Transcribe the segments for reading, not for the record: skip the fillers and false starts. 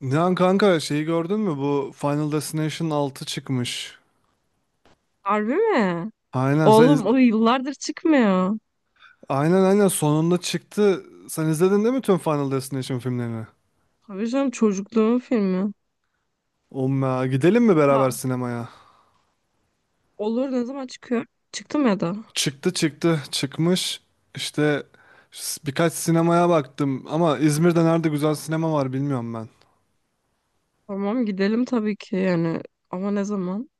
Nihan kanka şeyi gördün mü? Bu Final Destination 6 çıkmış. Harbi mi? Aynen sen iz- Oğlum o yıllardır çıkmıyor. aynen sonunda çıktı. Sen izledin değil mi tüm Final Destination filmlerini? Tabii canım çocukluğumun filmi. Umma gidelim mi beraber Ha, sinemaya? olur ne zaman çıkıyor? Çıktı mı ya da? Çıktı, çıkmış. İşte birkaç sinemaya baktım ama İzmir'de nerede güzel sinema var bilmiyorum ben. Tamam gidelim tabii ki yani. Ama ne zaman?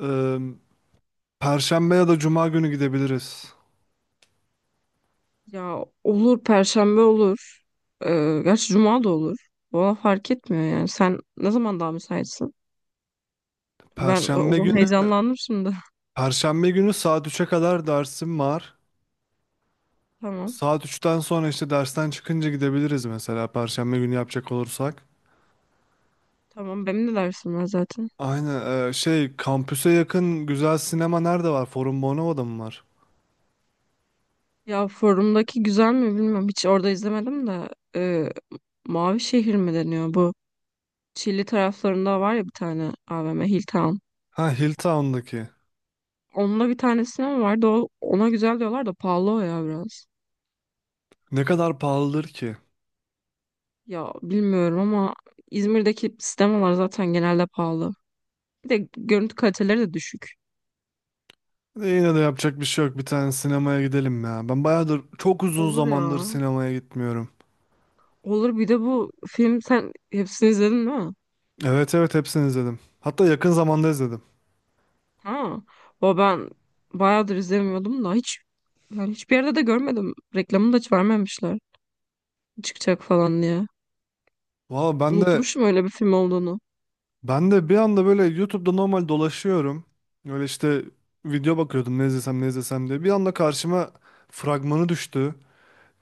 Ee, Perşembe ya da Cuma günü gidebiliriz. Ya olur Perşembe olur. Gerçi Cuma da olur. Valla fark etmiyor yani. Sen ne zaman daha müsaitsin? Ben Perşembe günü heyecanlandım şimdi. Perşembe günü saat üç'e kadar dersim var. Tamam. Saat üçten sonra işte dersten çıkınca gidebiliriz mesela Perşembe günü yapacak olursak. Tamam benim de dersim var zaten. Aynen şey kampüse yakın güzel sinema nerede var? Forum Bonova'da mı var? Ya forumdaki güzel mi bilmiyorum. Hiç orada izlemedim de. Ee, Mavi Şehir mi deniyor bu? Çilli taraflarında var ya bir tane AVM Hilltown. Ha, Hilltown'daki. Onunla bir tanesine mi vardı? Ona güzel diyorlar da pahalı o ya biraz. Ne kadar pahalıdır ki? Ya bilmiyorum ama İzmir'deki sinemalar zaten genelde pahalı. Bir de görüntü kaliteleri de düşük. Yine de yapacak bir şey yok. Bir tane sinemaya gidelim ya. Ben bayağıdır çok uzun Olur zamandır ya. sinemaya gitmiyorum. Olur bir de bu film sen hepsini izledin değil mi? Evet, evet, hepsini izledim. Hatta yakın zamanda izledim. Ha. O ben bayağıdır izlemiyordum da hiç yani hiçbir yerde de görmedim. Reklamını da hiç vermemişler. Çıkacak falan diye. Valla ben de Unutmuşum öyle bir film olduğunu. Ben de bir anda böyle YouTube'da normal dolaşıyorum. Öyle işte video bakıyordum ne izlesem ne izlesem diye. Bir anda karşıma fragmanı düştü.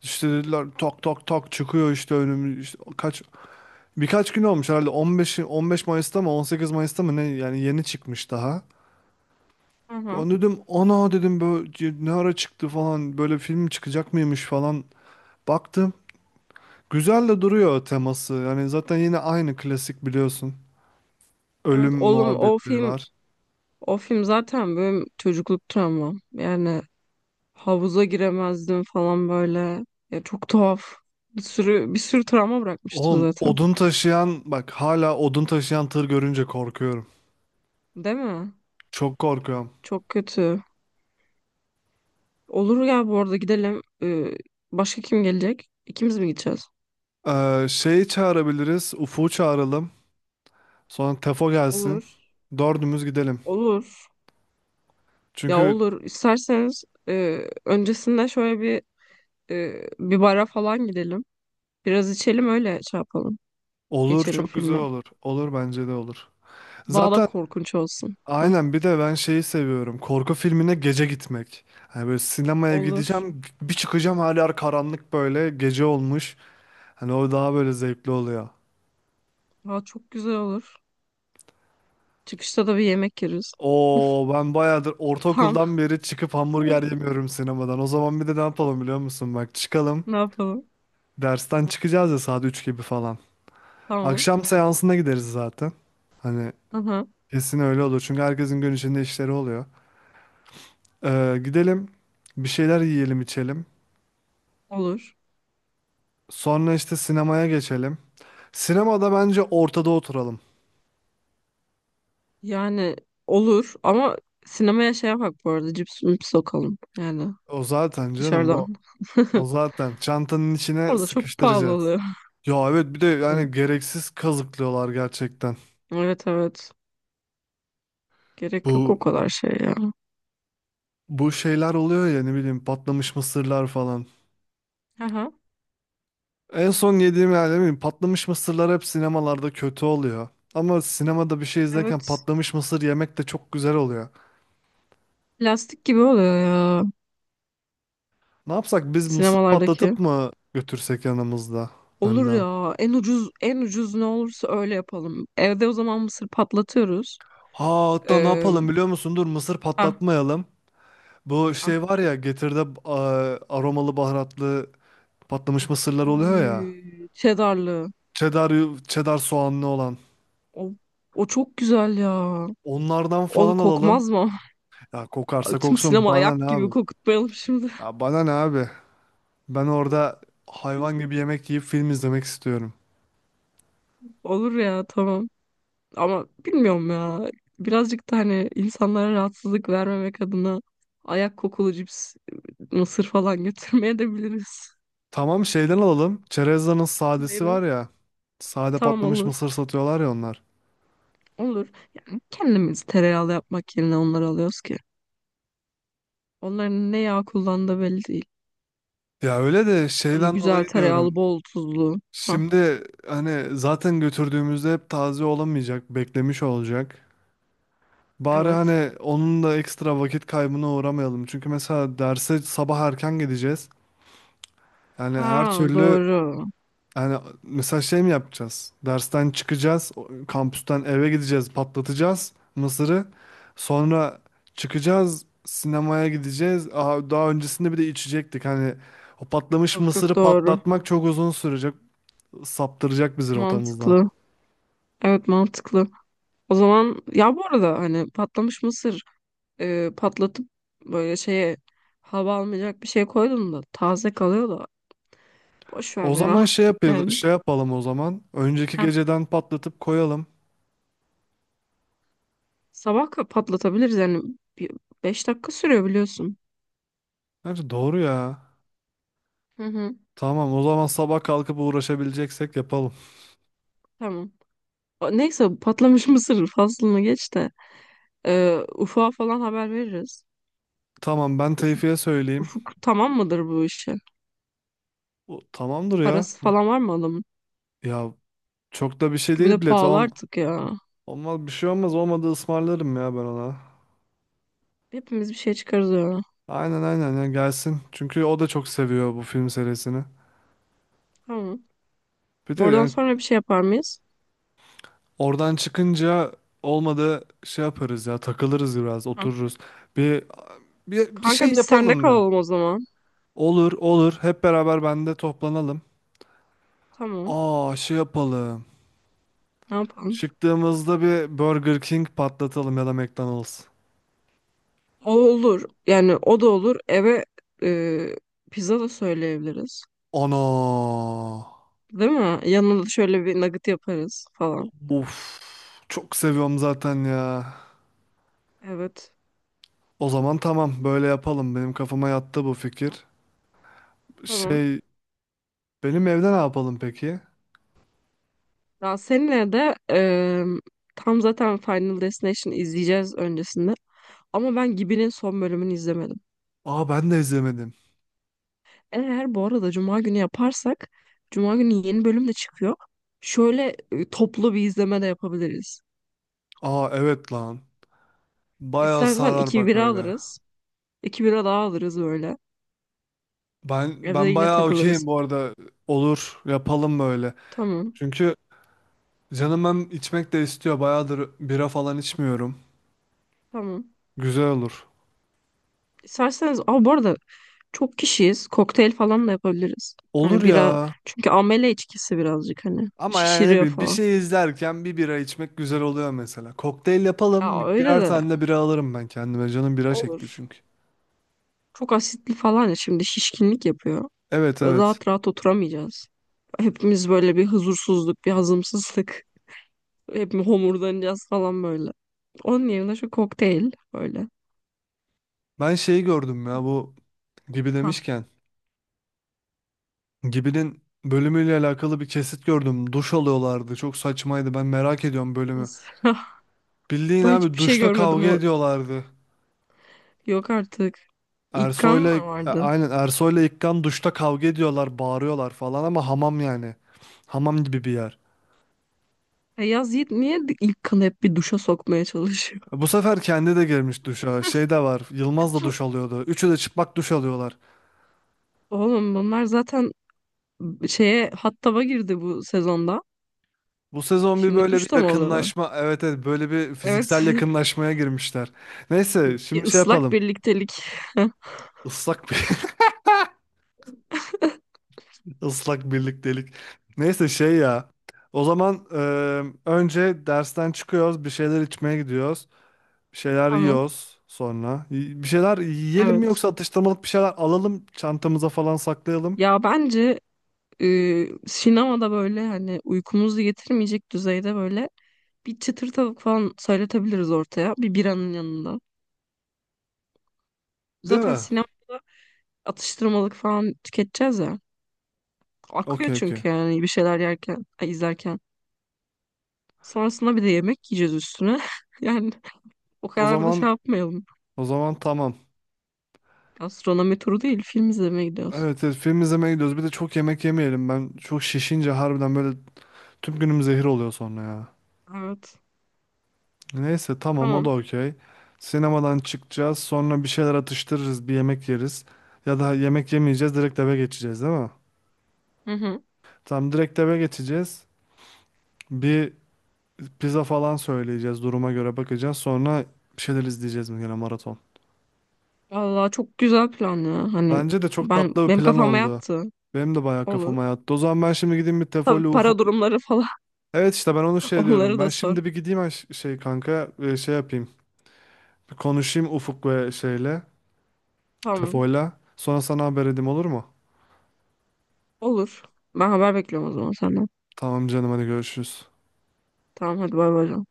İşte dediler tak tak tak çıkıyor işte önüm işte birkaç gün olmuş herhalde 15 15 Mayıs'ta mı 18 Mayıs'ta mı ne yani yeni çıkmış daha. Hı hı. Onu dedim ana dedim böyle ne ara çıktı falan böyle film çıkacak mıymış falan baktım. Güzel de duruyor teması. Yani zaten yine aynı klasik biliyorsun. Ölüm Evet oğlum o muhabbetleri film. var. O film zaten benim çocukluk travmam. Yani havuza giremezdim falan böyle. Ya çok tuhaf. Bir sürü bir sürü travma bırakmıştır Oğlum zaten. odun taşıyan bak hala odun taşıyan tır görünce korkuyorum. Değil mi? Çok korkuyorum. Çok kötü. Olur ya bu arada gidelim. Başka kim gelecek? İkimiz mi gideceğiz? Şeyi çağırabiliriz. Ufuk'u çağıralım. Sonra Tefo gelsin. Olur. Dördümüz gidelim. Olur. Ya Çünkü olur. İsterseniz öncesinde şöyle bir bara falan gidelim. Biraz içelim öyle şey yapalım. olur, Geçelim çok güzel filme. olur. Olur, bence de olur. Daha da Zaten korkunç olsun. Aynen, bir de ben şeyi seviyorum. Korku filmine gece gitmek. Hani böyle sinemaya Olur. gideceğim. Bir çıkacağım her yer karanlık böyle. Gece olmuş. Hani o daha böyle zevkli oluyor. Daha çok güzel olur. Çıkışta da bir yemek yeriz. Oo, ben bayağıdır Tamam. ortaokuldan beri çıkıp hamburger yemiyorum sinemadan. O zaman bir de ne yapalım biliyor musun? Bak çıkalım. Ne yapalım? Dersten çıkacağız ya saat 3 gibi falan. Tamam. Akşam seansına gideriz zaten. Hani Aha. kesin öyle olur. Çünkü herkesin gün içinde işleri oluyor. Gidelim. Bir şeyler yiyelim, içelim. Olur. Sonra işte sinemaya geçelim. Sinemada bence ortada oturalım. Yani olur ama sinemaya şey yapak bu arada cips mips sokalım. Yani O zaten canım bu dışarıdan. O zaten. Çantanın içine Orada çok pahalı sıkıştıracağız. oluyor. Ya evet, bir de Hı. yani gereksiz kazıklıyorlar gerçekten. Evet evet. Gerek yok o Bu kadar şey ya. Bu şeyler oluyor ya, ne bileyim patlamış mısırlar falan. Aha. En son yediğim yani, ne bileyim, patlamış mısırlar hep sinemalarda kötü oluyor. Ama sinemada bir şey izlerken Evet. patlamış mısır yemek de çok güzel oluyor. Plastik gibi oluyor ya Ne yapsak biz mısır sinemalardaki. patlatıp mı götürsek yanımızda Olur önden? ya. En ucuz en ucuz ne olursa öyle yapalım. Evde o zaman mısır patlatıyoruz. Ha hatta ne Ee, yapalım biliyor musun? Dur, mısır ah, patlatmayalım. Bu şey ah. var ya, Getir'de aromalı baharatlı patlamış mısırlar oluyor ya. Oy, Cheddarlı. Cheddar, cheddar soğanlı olan. O, o çok güzel ya. Onlardan O falan alalım. kokmaz mı? Ya kokarsa Ay, tüm koksun, sinema bana ne ayak gibi abi? kokutmayalım şimdi. Ya bana ne abi? Ben orada hayvan gibi yemek yiyip film izlemek istiyorum. Olur ya tamam. Ama bilmiyorum ya. Birazcık da hani insanlara rahatsızlık vermemek adına ayak kokulu cips, mısır falan götürmeye de biliriz. Tamam, şeyden alalım. Çerezdan'ın sadesi Neydi? var ya. Sade Tamam patlamış olur. mısır satıyorlar ya onlar. Olur. Kendimiz tereyağlı yapmak yerine onları alıyoruz ki. Onların ne yağ kullandığı belli değil. Ya öyle de Şöyle şeyden güzel dolayı tereyağlı, diyorum. bol tuzlu. Ha, Şimdi hani zaten götürdüğümüzde hep taze olamayacak, beklemiş olacak. Bari evet. hani onun da ekstra vakit kaybına uğramayalım. Çünkü mesela derse sabah erken gideceğiz. Yani her Ha türlü, doğru. yani mesela şey mi yapacağız? Dersten çıkacağız, kampüsten eve gideceğiz, patlatacağız mısırı. Sonra çıkacağız, sinemaya gideceğiz. Aha, daha öncesinde bir de içecektik. Hani o patlamış Yok yok mısırı doğru. patlatmak çok uzun sürecek, saptıracak bizi rotamızdan. Mantıklı. Evet mantıklı. O zaman ya bu arada hani patlamış mısır patlatıp böyle şeye hava almayacak bir şey koydum da taze kalıyor da boş ver O zaman ya. şey yapalım, Yani şey yapalım o zaman. Önceki ha geceden patlatıp koyalım. sabah patlatabiliriz yani bir, 5 dakika sürüyor biliyorsun. Bence doğru ya. Hı hı. Tamam, o zaman sabah kalkıp uğraşabileceksek yapalım. Tamam. Neyse patlamış mısır faslını geç de Ufuk'a falan haber veririz. Tamam, ben Ufuk, Tevfik'e söyleyeyim. Ufuk tamam mıdır bu işe? Tamamdır ya. Parası falan var mı adamın? Ya çok da bir şey Çünkü bir de değil bilet. pahalı artık ya. olmaz, bir şey olmaz. Olmadı ısmarlarım ya ben ona. Hepimiz bir şey çıkarız ya. Aynen, aynen, ya gelsin. Çünkü o da çok seviyor bu film serisini. Tamam. Bir de Oradan yani sonra bir şey yapar mıyız? oradan çıkınca olmadı şey yaparız ya, takılırız, biraz Ha. otururuz. Bir, bir Kanka şey biz sende yapalım ya. kalalım o zaman. Olur, olur, hep beraber bende toplanalım. Tamam. Aa, şey yapalım. Ne yapalım? Çıktığımızda bir Burger King patlatalım ya da McDonald's. O olur. Yani o da olur. Eve e, pizza da söyleyebiliriz. Ana. Değil mi? Yanına da şöyle bir nugget yaparız falan. Of. Çok seviyorum zaten ya. Evet. O zaman tamam, böyle yapalım. Benim kafama yattı bu fikir. Tamam. Şey, benim evde ne yapalım peki? Ya seninle de tam zaten Final Destination izleyeceğiz öncesinde. Ama ben Gibi'nin son bölümünü izlemedim. Aa, ben de izlemedim. Eğer bu arada Cuma günü yaparsak Cuma günü yeni bölüm de çıkıyor. Şöyle toplu bir izleme de yapabiliriz. Aa, evet lan. Bayağı İstersen sarar iki bak bira öyle. alırız. İki bira daha alırız böyle. Evde Ben yine bayağı okeyim takılırız. bu arada. Olur, yapalım böyle. Tamam. Çünkü canım hem içmek de istiyor. Bayağıdır bira falan içmiyorum. Tamam. Güzel olur. İsterseniz bu arada çok kişiyiz. Kokteyl falan da yapabiliriz. Olur Hani bira ya. çünkü amele içkisi birazcık hani Ama yani ne şişiriyor bileyim, bir falan. şey izlerken bir bira içmek güzel oluyor mesela. Kokteyl yapalım. Ya öyle Birer de tane de bira alırım ben kendime. Canım bira çekti olur. çünkü. Çok asitli falan ya şimdi şişkinlik yapıyor. Evet, Böyle evet. rahat rahat oturamayacağız. Hepimiz böyle bir huzursuzluk, bir hazımsızlık. Hepimiz homurdanacağız falan böyle. Onun yerine şu kokteyl böyle. Ben şeyi gördüm ya, bu Gibi Ha. demişken. Gibi'nin bölümüyle alakalı bir kesit gördüm. Duş alıyorlardı. Çok saçmaydı. Ben merak ediyorum bölümü. Nasıl? Bildiğin Ben abi hiçbir şey duşta görmedim kavga o. ediyorlardı. Yok artık. İlk kan mı Ersoy'la e, vardı? aynen Ersoy'la İkkan duşta kavga ediyorlar, bağırıyorlar falan ama hamam yani. Hamam gibi bir yer. Ya Yaz Yiğit niye ilk kanı hep bir duşa sokmaya çalışıyor? Bu sefer kendi de girmiş duşa. Şey de var. Yılmaz da duş alıyordu. Üçü de çıplak duş alıyorlar. Oğlum bunlar zaten şeye hattaba girdi bu sezonda. Bu sezon bir Şimdi böyle bir duşta mı oluyorlar? yakınlaşma, evet, evet, böyle bir Evet. fiziksel yakınlaşmaya girmişler. Neyse Bir şimdi şey ıslak yapalım. birliktelik. Islak bir ıslak birliktelik. Neyse şey ya. O zaman önce dersten çıkıyoruz, bir şeyler içmeye gidiyoruz. Bir şeyler Tamam. yiyoruz sonra. Bir şeyler yiyelim mi Evet. yoksa atıştırmalık bir şeyler alalım, çantamıza falan saklayalım. Ya bence sinemada böyle hani uykumuzu getirmeyecek düzeyde böyle bir çıtır tavuk falan söyletebiliriz ortaya. Bir biranın yanında. Değil Zaten mi? sinemada atıştırmalık falan tüketeceğiz ya. Akıyor Okey, okey. çünkü yani bir şeyler yerken, izlerken. Sonrasında bir de yemek yiyeceğiz üstüne. Yani o O kadar da şey zaman yapmayalım. o zaman tamam. Gastronomi turu değil, film izlemeye gidiyoruz. Evet, evet, film izlemeye gidiyoruz. Bir de çok yemek yemeyelim. Ben çok şişince harbiden böyle tüm günüm zehir oluyor sonra ya. Evet. Neyse tamam, o da Tamam. okey. Sinemadan çıkacağız. Sonra bir şeyler atıştırırız. Bir yemek yeriz. Ya da yemek yemeyeceğiz. Direkt eve geçeceğiz değil mi? Hı hı. Tamam, direkt eve geçeceğiz. Bir pizza falan söyleyeceğiz. Duruma göre bakacağız. Sonra bir şeyler izleyeceğiz mi gene, maraton. Vallahi çok güzel plan ya. Hani Bence de çok ben tatlı bir benim plan kafama oldu. yattı. Benim de bayağı kafama Olur. yattı. O zaman ben şimdi gideyim bir Tefoli Tabii Ufuk. para durumları falan Evet işte ben onu şey diyorum. onları Ben da sor. şimdi bir gideyim kanka, şey yapayım. Bir konuşayım Ufuk ve şeyle. Tamam. Tefoyla. Sonra sana haber edeyim olur mu? Olur. Ben haber bekliyorum o zaman senden. Tamam canım, hadi görüşürüz. Tamam hadi bay bay.